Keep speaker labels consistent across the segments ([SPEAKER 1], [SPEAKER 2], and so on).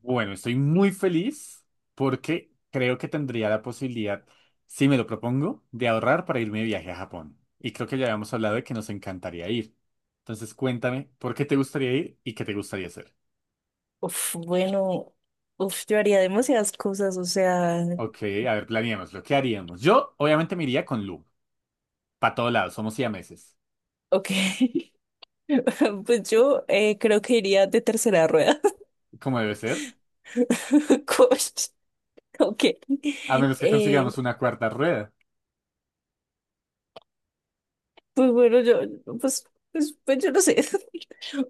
[SPEAKER 1] Bueno, estoy muy feliz porque creo que tendría la posibilidad, si me lo propongo, de ahorrar para irme de viaje a Japón. Y creo que ya habíamos hablado de que nos encantaría ir. Entonces, cuéntame, ¿por qué te gustaría ir y qué te gustaría hacer?
[SPEAKER 2] Uf, bueno, yo haría demasiadas cosas, o sea,
[SPEAKER 1] Ok, a ver, ¿planeemos lo que haríamos? Yo, obviamente, me iría con Lu. Para todos lados, somos siameses.
[SPEAKER 2] ok. Pues yo creo que iría de tercera rueda.
[SPEAKER 1] Como debe ser.
[SPEAKER 2] Coach, ok.
[SPEAKER 1] A menos que
[SPEAKER 2] Eh,
[SPEAKER 1] consigamos una cuarta rueda.
[SPEAKER 2] pues bueno, yo, pues, pues yo no sé.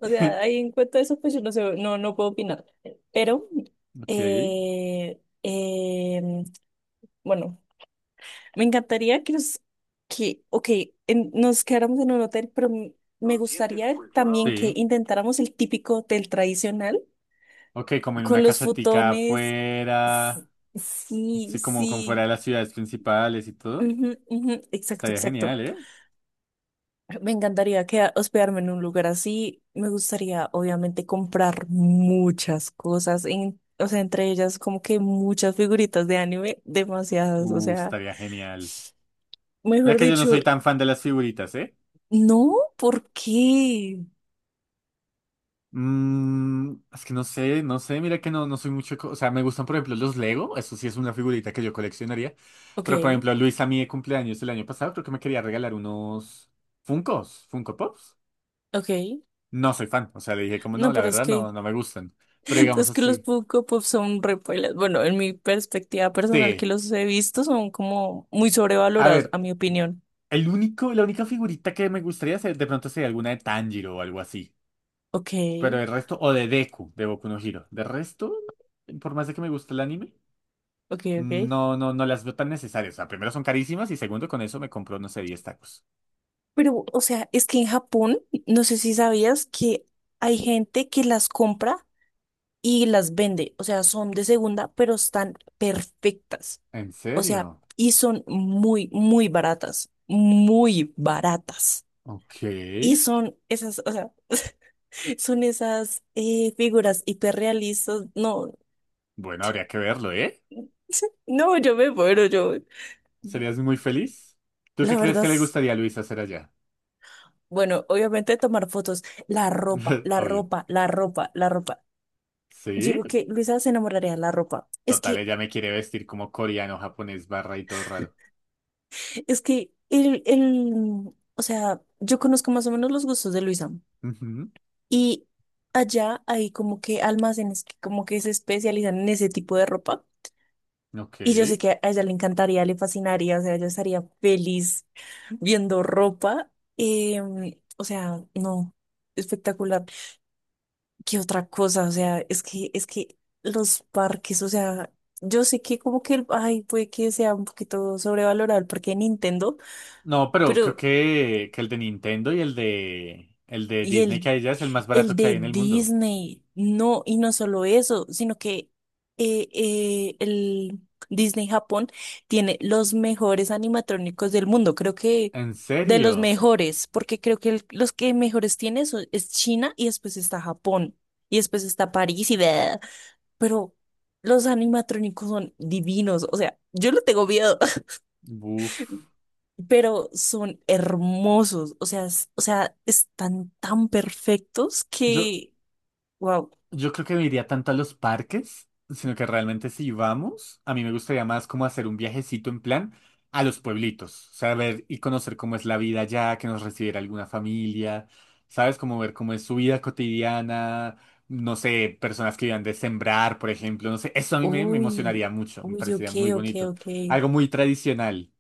[SPEAKER 2] O sea, ahí en cuanto a eso, pues yo no sé, no, no puedo opinar. Pero,
[SPEAKER 1] Ok,
[SPEAKER 2] eh, eh, bueno. Me encantaría ok, nos quedáramos en un hotel, pero me gustaría también que
[SPEAKER 1] sí.
[SPEAKER 2] intentáramos el típico hotel tradicional
[SPEAKER 1] Ok, como en una
[SPEAKER 2] con los
[SPEAKER 1] casetica
[SPEAKER 2] futones. S-
[SPEAKER 1] afuera.
[SPEAKER 2] Sí,
[SPEAKER 1] Sí, como, como fuera
[SPEAKER 2] sí.
[SPEAKER 1] de las ciudades principales y todo.
[SPEAKER 2] Ujú, ujú, exacto,
[SPEAKER 1] Estaría
[SPEAKER 2] exacto.
[SPEAKER 1] genial, ¿eh?
[SPEAKER 2] Me encantaría hospedarme en un lugar así. Me gustaría, obviamente, comprar muchas cosas, o sea, entre ellas como que muchas figuritas de anime, demasiadas, o
[SPEAKER 1] Uh,
[SPEAKER 2] sea,
[SPEAKER 1] estaría genial. Mira
[SPEAKER 2] mejor
[SPEAKER 1] que yo no
[SPEAKER 2] dicho,
[SPEAKER 1] soy tan fan de las figuritas, ¿eh?
[SPEAKER 2] no, ¿por qué?
[SPEAKER 1] Es que no sé, no sé, mira que no, no soy mucho, o sea, me gustan por ejemplo los Lego, eso sí es una figurita que yo coleccionaría,
[SPEAKER 2] Ok.
[SPEAKER 1] pero por ejemplo Luis a mí de cumpleaños el año pasado creo que me quería regalar unos Funkos, Funko Pops,
[SPEAKER 2] Ok,
[SPEAKER 1] no soy fan, o sea, le dije como no,
[SPEAKER 2] no,
[SPEAKER 1] la
[SPEAKER 2] pero es
[SPEAKER 1] verdad
[SPEAKER 2] que,
[SPEAKER 1] no, no me gustan, pero digamos
[SPEAKER 2] es que los
[SPEAKER 1] así,
[SPEAKER 2] Funko Pop son re pailas. Bueno, en mi perspectiva personal que
[SPEAKER 1] sí,
[SPEAKER 2] los he visto son como muy
[SPEAKER 1] a
[SPEAKER 2] sobrevalorados,
[SPEAKER 1] ver,
[SPEAKER 2] a mi opinión.
[SPEAKER 1] el único, la única figurita que me gustaría ser, de pronto sería alguna de Tanjiro o algo así.
[SPEAKER 2] Ok,
[SPEAKER 1] Pero el resto, o de Deku, de Boku no Hero. De resto, por más de que me guste el anime,
[SPEAKER 2] ok, ok.
[SPEAKER 1] no, no, no las veo tan necesarias. O sea, primero son carísimas y segundo, con eso me compro, no sé, diez tacos.
[SPEAKER 2] Pero, o sea, es que en Japón, no sé si sabías que hay gente que las compra y las vende. O sea, son de segunda, pero están perfectas.
[SPEAKER 1] ¿En
[SPEAKER 2] O sea,
[SPEAKER 1] serio?
[SPEAKER 2] y son muy, muy baratas, muy baratas.
[SPEAKER 1] Ok.
[SPEAKER 2] Y son esas, o sea. Son esas figuras hiperrealistas. No,
[SPEAKER 1] Bueno, habría que verlo, ¿eh?
[SPEAKER 2] no, yo me muero, yo.
[SPEAKER 1] ¿Serías muy feliz? ¿Tú qué
[SPEAKER 2] La
[SPEAKER 1] crees
[SPEAKER 2] verdad
[SPEAKER 1] que le
[SPEAKER 2] es,
[SPEAKER 1] gustaría a Luis hacer allá?
[SPEAKER 2] bueno, obviamente tomar fotos, la ropa, la
[SPEAKER 1] Obvio.
[SPEAKER 2] ropa, la ropa, la ropa.
[SPEAKER 1] ¿Sí?
[SPEAKER 2] Digo que Luisa se enamoraría de la ropa.
[SPEAKER 1] Total, ella me quiere vestir como coreano, japonés, barra y todo raro.
[SPEAKER 2] Es que o sea, yo conozco más o menos los gustos de Luisa
[SPEAKER 1] Ujú,
[SPEAKER 2] y allá hay como que almacenes que como que se especializan en ese tipo de ropa
[SPEAKER 1] ok.
[SPEAKER 2] y yo sé que a ella le encantaría, le fascinaría, o sea, ella estaría feliz viendo ropa. O sea, no, espectacular. ¿Qué otra cosa? O sea, es que los parques, o sea, yo sé que como que el, ay, puede que sea un poquito sobrevalorado el parque de Nintendo,
[SPEAKER 1] No, pero creo
[SPEAKER 2] pero,
[SPEAKER 1] que, el de Nintendo y el de
[SPEAKER 2] ¿y
[SPEAKER 1] Disney que
[SPEAKER 2] el
[SPEAKER 1] hay ya es el más barato
[SPEAKER 2] El
[SPEAKER 1] que hay
[SPEAKER 2] de
[SPEAKER 1] en el mundo.
[SPEAKER 2] Disney? No, y no solo eso, sino que el Disney Japón tiene los mejores animatrónicos del mundo, creo que
[SPEAKER 1] ¿En
[SPEAKER 2] de los
[SPEAKER 1] serio?
[SPEAKER 2] mejores, porque creo que los que mejores tiene es China y después está Japón y después está París y bla, pero los animatrónicos son divinos, o sea, yo lo tengo miedo,
[SPEAKER 1] Uf.
[SPEAKER 2] pero son hermosos, o sea, o sea, están tan perfectos
[SPEAKER 1] Yo,
[SPEAKER 2] que... Wow.
[SPEAKER 1] Yo creo que no iría tanto a los parques, sino que realmente si vamos, a mí me gustaría más como hacer un viajecito en plan a los pueblitos, o sea, ver y conocer cómo es la vida allá, que nos recibiera alguna familia, ¿sabes? Como ver cómo es su vida cotidiana, no sé, personas que vivan de sembrar, por ejemplo, no sé, eso a mí me
[SPEAKER 2] Uy,
[SPEAKER 1] emocionaría mucho, me
[SPEAKER 2] uy, ok,
[SPEAKER 1] parecería muy
[SPEAKER 2] ok,
[SPEAKER 1] bonito,
[SPEAKER 2] ok.
[SPEAKER 1] algo muy tradicional.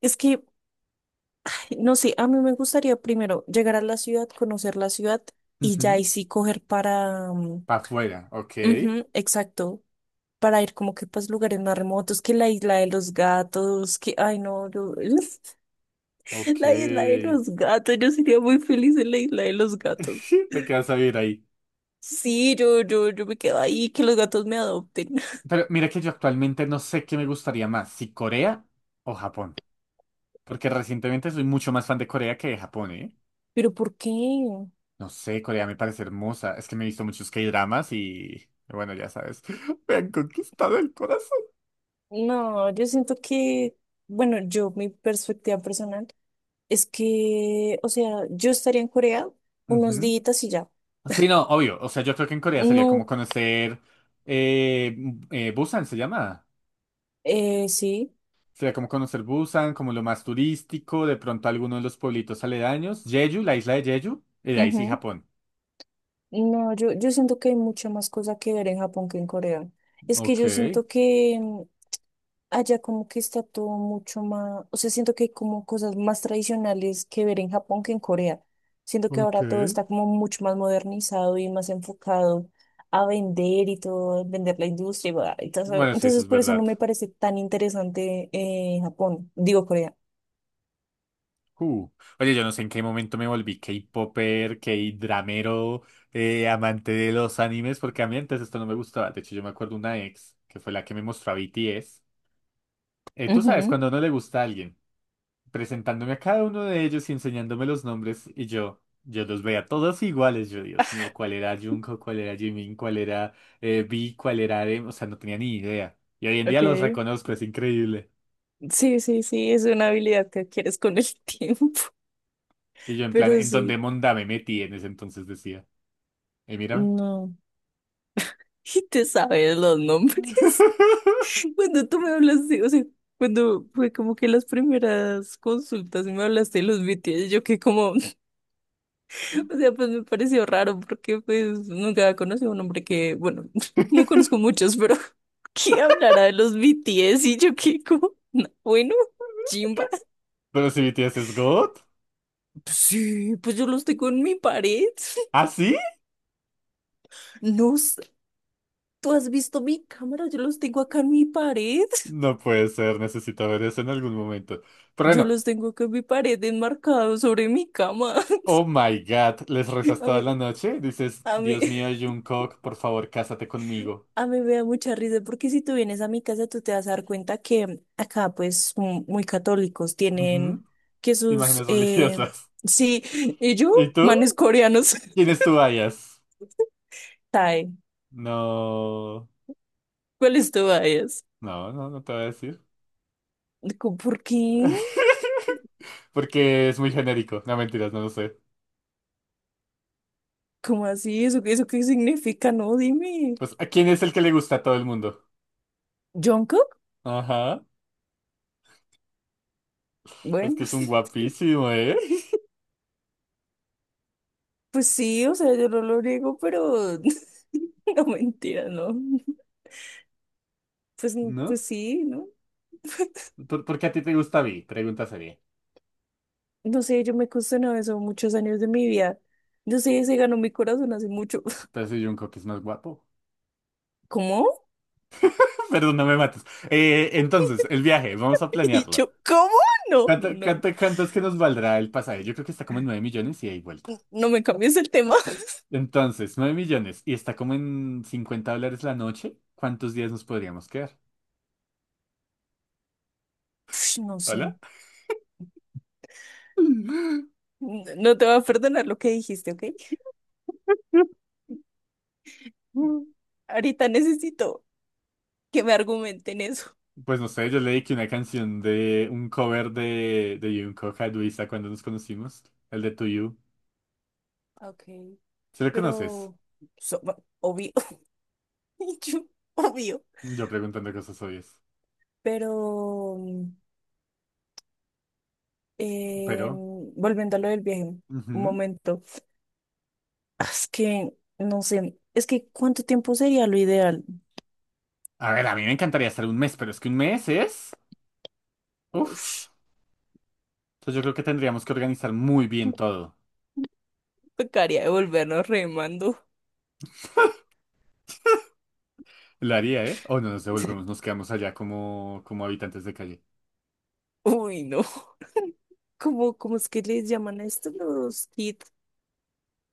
[SPEAKER 2] Es que, no sé, a mí me gustaría primero llegar a la ciudad, conocer la ciudad y ya ahí sí coger para... mm,
[SPEAKER 1] Para afuera, ok,
[SPEAKER 2] ujú, exacto, para ir como que pues lugares más remotos, que la isla de los gatos, que, ay no,
[SPEAKER 1] ok.
[SPEAKER 2] la isla de los gatos, yo sería muy feliz en la isla de los gatos.
[SPEAKER 1] Te quedas a vivir ahí.
[SPEAKER 2] Sí, yo me quedo ahí, que los gatos me adopten.
[SPEAKER 1] Pero mira que yo actualmente no sé qué me gustaría más, si Corea o Japón. Porque recientemente soy mucho más fan de Corea que de Japón, ¿eh?
[SPEAKER 2] Pero ¿por qué?
[SPEAKER 1] No sé, Corea me parece hermosa. Es que me he visto muchos K-dramas y... Bueno, ya sabes, me han conquistado el corazón.
[SPEAKER 2] No, yo siento que, bueno, yo, mi perspectiva personal es que, o sea, yo estaría en Corea unos
[SPEAKER 1] Ujú.
[SPEAKER 2] días y ya.
[SPEAKER 1] Sí, no, obvio. O sea, yo creo que en Corea sería como
[SPEAKER 2] No,
[SPEAKER 1] conocer... Busan se llama.
[SPEAKER 2] sí.
[SPEAKER 1] Sería como conocer Busan, como lo más turístico, de pronto alguno de los pueblitos aledaños. Jeju, la isla de Jeju, y de ahí sí
[SPEAKER 2] Ujú.
[SPEAKER 1] Japón.
[SPEAKER 2] No, yo siento que hay mucha más cosa que ver en Japón que en Corea. Es que
[SPEAKER 1] Ok,
[SPEAKER 2] yo siento que, allá como que está todo mucho más, o sea, siento que hay como cosas más tradicionales que ver en Japón que en Corea. Siento que ahora todo
[SPEAKER 1] ok.
[SPEAKER 2] está como mucho más modernizado y más enfocado a vender y todo, vender la industria y bla, y todo eso.
[SPEAKER 1] Bueno, sí, eso
[SPEAKER 2] Entonces,
[SPEAKER 1] es
[SPEAKER 2] por eso
[SPEAKER 1] verdad.
[SPEAKER 2] no me parece tan interesante Japón, digo Corea.
[SPEAKER 1] Uh. Oye, yo no sé en qué momento me volví K-popper, K-dramero, amante de los animes, porque a mí antes esto no me gustaba. De hecho, yo me acuerdo una ex, que fue la que me mostró a BTS. Tú sabes,
[SPEAKER 2] Ujú,
[SPEAKER 1] cuando no le gusta a alguien, presentándome a cada uno de ellos y enseñándome los nombres, y yo los veía todos iguales. Yo, Dios mío, ¿cuál era Jungkook? ¿Cuál era Jimin? ¿Cuál era V? ¿Cuál era RM? O sea, no tenía ni idea. Y hoy en día los
[SPEAKER 2] ok.
[SPEAKER 1] reconozco, es increíble.
[SPEAKER 2] Sí, sí, sí, es una habilidad que adquieres con el tiempo,
[SPEAKER 1] Y yo en plan,
[SPEAKER 2] pero
[SPEAKER 1] ¿en dónde
[SPEAKER 2] sí,
[SPEAKER 1] monda me metí en ese entonces decía? Y mírame.
[SPEAKER 2] no. Y te sabes los nombres. Cuando tú me hablaste, o sea, cuando fue como que las primeras consultas y me hablaste de los BTS, yo que como, o sea, pues me pareció raro porque pues nunca conocí a un hombre que, bueno, no conozco muchos, pero que hablara de los BTS y yo que como, "No, bueno, chimba.
[SPEAKER 1] Pero si BTS es God.
[SPEAKER 2] Sí, pues yo los tengo en mi pared.
[SPEAKER 1] ¿Ah, sí?
[SPEAKER 2] No, sé, tú has visto mi cámara, yo los tengo acá en mi pared.
[SPEAKER 1] No puede ser, necesito ver eso en algún momento. Pero
[SPEAKER 2] Yo
[SPEAKER 1] bueno,
[SPEAKER 2] los tengo acá en mi pared enmarcados sobre mi cama.
[SPEAKER 1] oh my God, les rezas
[SPEAKER 2] A
[SPEAKER 1] toda
[SPEAKER 2] mí,
[SPEAKER 1] la noche. Dices,
[SPEAKER 2] a mí.
[SPEAKER 1] Dios mío, Jungkook, por favor, cásate conmigo.
[SPEAKER 2] A mí me da mucha risa porque si tú vienes a mi casa, tú te vas a dar cuenta que acá, pues, muy católicos
[SPEAKER 1] Ujú.
[SPEAKER 2] tienen que sus,
[SPEAKER 1] Imágenes religiosas.
[SPEAKER 2] sí, y yo,
[SPEAKER 1] ¿Y tú?
[SPEAKER 2] manes coreanos.
[SPEAKER 1] ¿Quién es tu bias?
[SPEAKER 2] Tae,
[SPEAKER 1] No.
[SPEAKER 2] ¿cuáles tú vayas?
[SPEAKER 1] No, no, no te voy a decir.
[SPEAKER 2] Digo, ¿por qué?
[SPEAKER 1] Porque es muy genérico. No, mentiras, no lo sé.
[SPEAKER 2] ¿Cómo así? ¿Eso, eso qué significa? No, dime.
[SPEAKER 1] Pues, ¿a quién es el que le gusta a todo el mundo?
[SPEAKER 2] ¿Jungkook?
[SPEAKER 1] Ajá. Es
[SPEAKER 2] Bueno,
[SPEAKER 1] que es un guapísimo, ¿eh?
[SPEAKER 2] pues sí, o sea, yo no lo niego, pero no mentira, ¿no? Pues, pues
[SPEAKER 1] ¿No?
[SPEAKER 2] sí, ¿no?
[SPEAKER 1] ¿Por qué a ti te gusta Vi? Pregunta seria.
[SPEAKER 2] No sé, yo me cuestionaba eso muchos años de mi vida. Yo sé, se ganó mi corazón hace mucho.
[SPEAKER 1] Pero si Jungkook es más guapo.
[SPEAKER 2] ¿Cómo?
[SPEAKER 1] Perdón, no me mates. Entonces, el viaje, vamos a
[SPEAKER 2] Y
[SPEAKER 1] planearlo.
[SPEAKER 2] yo, ¿cómo? No,
[SPEAKER 1] ¿Cuánto,
[SPEAKER 2] no, no, no
[SPEAKER 1] cuánto, cuánto es que nos valdrá el pasaje? Yo creo que está como en 9 millones y hay vuelta.
[SPEAKER 2] No me cambies el tema.
[SPEAKER 1] Entonces, 9 millones y está como en 50 dólares la noche. ¿Cuántos días nos podríamos quedar?
[SPEAKER 2] Ush, no sé.
[SPEAKER 1] ¿Hola?
[SPEAKER 2] No te voy a perdonar lo que dijiste, ¿ok? Ahorita necesito que me argumenten eso.
[SPEAKER 1] Pues no sé, yo leí que una canción de un cover de Jungkook a Luisa cuando nos conocimos, el de To You.
[SPEAKER 2] Ok,
[SPEAKER 1] ¿Se lo conoces?
[SPEAKER 2] pero so- obvio. Y yo, obvio.
[SPEAKER 1] Yo preguntando cosas obvias.
[SPEAKER 2] Pero eh,
[SPEAKER 1] Pero...
[SPEAKER 2] volviendo a lo del viaje, un
[SPEAKER 1] ujú.
[SPEAKER 2] momento. Ah, es que no sé, es que ¿cuánto tiempo sería lo ideal?
[SPEAKER 1] A ver, a mí me encantaría estar un mes, pero es que un mes es... Uf.
[SPEAKER 2] Ush,
[SPEAKER 1] Entonces yo creo que tendríamos que organizar muy bien todo.
[SPEAKER 2] tocaría devolvernos remando.
[SPEAKER 1] Lo haría, ¿eh? O no nos devolvemos, nos quedamos allá como, como habitantes de calle.
[SPEAKER 2] Uy, no. ¿Cómo, cómo es que les llaman a estos los kids?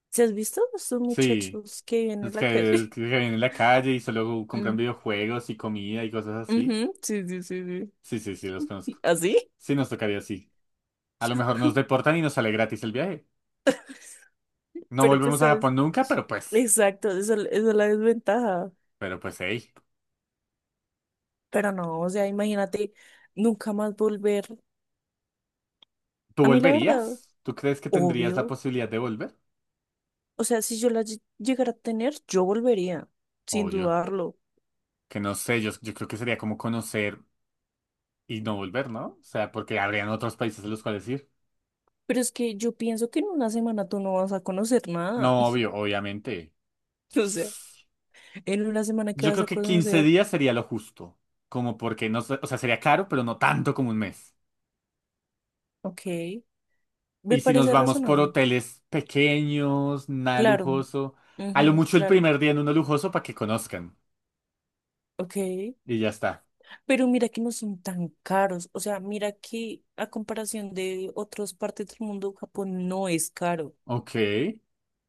[SPEAKER 2] ¿Se has visto estos
[SPEAKER 1] Sí,
[SPEAKER 2] muchachos que vienen en la
[SPEAKER 1] es
[SPEAKER 2] calle?
[SPEAKER 1] que viven en la calle y solo compran
[SPEAKER 2] Mm,
[SPEAKER 1] videojuegos y comida y cosas así.
[SPEAKER 2] ujú, sí, sí, sí,
[SPEAKER 1] Sí, sí, sí, los conozco.
[SPEAKER 2] sí. ¿Así?
[SPEAKER 1] Sí, nos tocaría así. A lo mejor nos deportan y nos sale gratis el viaje. No
[SPEAKER 2] Pero pues,
[SPEAKER 1] volvemos a
[SPEAKER 2] ¿sabes?
[SPEAKER 1] Japón nunca, pero pues...
[SPEAKER 2] Exacto, esa es la desventaja.
[SPEAKER 1] Pero pues, hey.
[SPEAKER 2] Pero no, o sea, imagínate nunca más volver.
[SPEAKER 1] ¿Tú
[SPEAKER 2] A mí la verdad,
[SPEAKER 1] volverías? ¿Tú crees que tendrías la
[SPEAKER 2] obvio.
[SPEAKER 1] posibilidad de volver?
[SPEAKER 2] O sea, si yo la llegara a tener, yo volvería, sin
[SPEAKER 1] Obvio.
[SPEAKER 2] dudarlo.
[SPEAKER 1] Que no sé, yo creo que sería como conocer. Y no volver, ¿no? O sea, porque habrían otros países a los cuales ir.
[SPEAKER 2] Pero es que yo pienso que en una semana tú no vas a conocer nada.
[SPEAKER 1] No, obvio, obviamente.
[SPEAKER 2] O sea, en una semana que
[SPEAKER 1] Yo
[SPEAKER 2] vas
[SPEAKER 1] creo
[SPEAKER 2] a
[SPEAKER 1] que 15
[SPEAKER 2] conocer,
[SPEAKER 1] días sería lo justo. Como porque no, o sea, sería caro, pero no tanto como un mes.
[SPEAKER 2] ok, me
[SPEAKER 1] Y si nos
[SPEAKER 2] parece
[SPEAKER 1] vamos por
[SPEAKER 2] razonable.
[SPEAKER 1] hoteles pequeños, nada
[SPEAKER 2] Claro,
[SPEAKER 1] lujoso, a lo
[SPEAKER 2] ujú,
[SPEAKER 1] mucho el
[SPEAKER 2] claro,
[SPEAKER 1] primer día en uno lujoso para que conozcan.
[SPEAKER 2] ok.
[SPEAKER 1] Y ya está.
[SPEAKER 2] Pero mira que no son tan caros. O sea, mira que a comparación de otras partes del mundo, Japón no es caro.
[SPEAKER 1] Ok.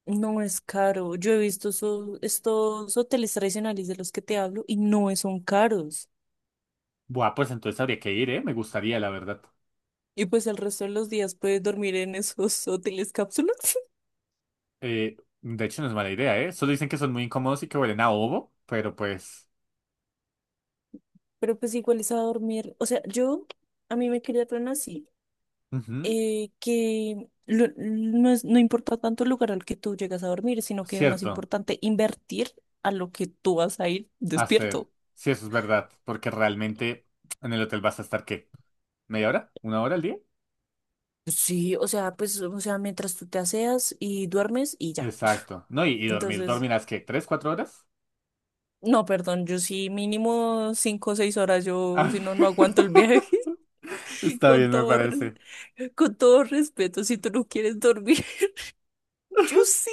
[SPEAKER 2] No es caro. Yo he visto estos hoteles tradicionales de los que te hablo y no son caros.
[SPEAKER 1] Buah, pues entonces habría que ir, ¿eh? Me gustaría, la verdad.
[SPEAKER 2] Y pues el resto de los días puedes dormir en esos hoteles cápsulas.
[SPEAKER 1] De hecho, no es mala idea, ¿eh? Solo dicen que son muy incómodos y que huelen a ovo, pero pues...
[SPEAKER 2] Pero pues igual es a dormir. O sea, yo, a mí me criaron así.
[SPEAKER 1] ujú,
[SPEAKER 2] Que lo- no es- no importa tanto el lugar al que tú llegas a dormir, sino que es más
[SPEAKER 1] cierto.
[SPEAKER 2] importante invertir a lo que tú vas a ir
[SPEAKER 1] Hacer.
[SPEAKER 2] despierto.
[SPEAKER 1] Sí, eso es verdad, porque realmente en el hotel vas a estar, ¿qué? ¿Media hora? ¿Una hora al día?
[SPEAKER 2] Sí, o sea, pues, o sea, mientras tú te aseas y duermes y ya.
[SPEAKER 1] Exacto. No, y dormir,
[SPEAKER 2] Entonces,
[SPEAKER 1] ¿dormirás qué? ¿3, 4 horas?
[SPEAKER 2] no, perdón, yo sí mínimo 5 o 6 horas, yo
[SPEAKER 1] Ah,
[SPEAKER 2] si no, no aguanto el viaje,
[SPEAKER 1] está
[SPEAKER 2] con
[SPEAKER 1] bien, me
[SPEAKER 2] todo,
[SPEAKER 1] parece.
[SPEAKER 2] con todo respeto, si tú no quieres dormir, yo sí.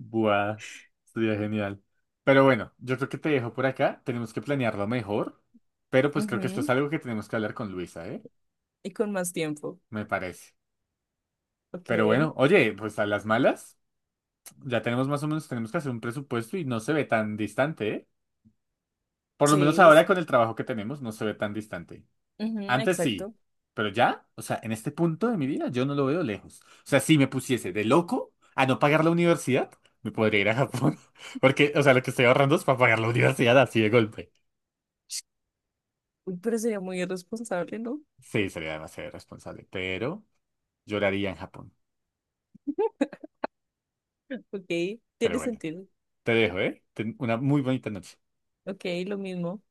[SPEAKER 1] Buah, sería genial. Pero bueno, yo creo que te dejo por acá. Tenemos que planearlo mejor, pero pues creo que esto es
[SPEAKER 2] Ujú,
[SPEAKER 1] algo que tenemos que hablar con Luisa, ¿eh?
[SPEAKER 2] y con más tiempo.
[SPEAKER 1] Me parece.
[SPEAKER 2] Ok,
[SPEAKER 1] Pero bueno, oye, pues a las malas, ya tenemos más o menos, tenemos que hacer un presupuesto y no se ve tan distante, ¿eh? Por lo menos
[SPEAKER 2] seis,
[SPEAKER 1] ahora con el trabajo que tenemos, no se ve tan distante.
[SPEAKER 2] ujú,
[SPEAKER 1] Antes sí,
[SPEAKER 2] exacto.
[SPEAKER 1] pero ya, o sea, en este punto de mi vida yo no lo veo lejos. O sea, si me pusiese de loco a no pagar la universidad, me podría ir a Japón. Porque, o sea, lo que estoy ahorrando es para pagar la universidad así de golpe.
[SPEAKER 2] Uy, pero sería muy irresponsable, ¿no?
[SPEAKER 1] Sí, sería demasiado irresponsable, pero lloraría en Japón.
[SPEAKER 2] Ok,
[SPEAKER 1] Pero
[SPEAKER 2] tiene
[SPEAKER 1] bueno,
[SPEAKER 2] sentido.
[SPEAKER 1] te dejo, ¿eh? Ten una muy bonita noche.
[SPEAKER 2] Ok, lo mismo.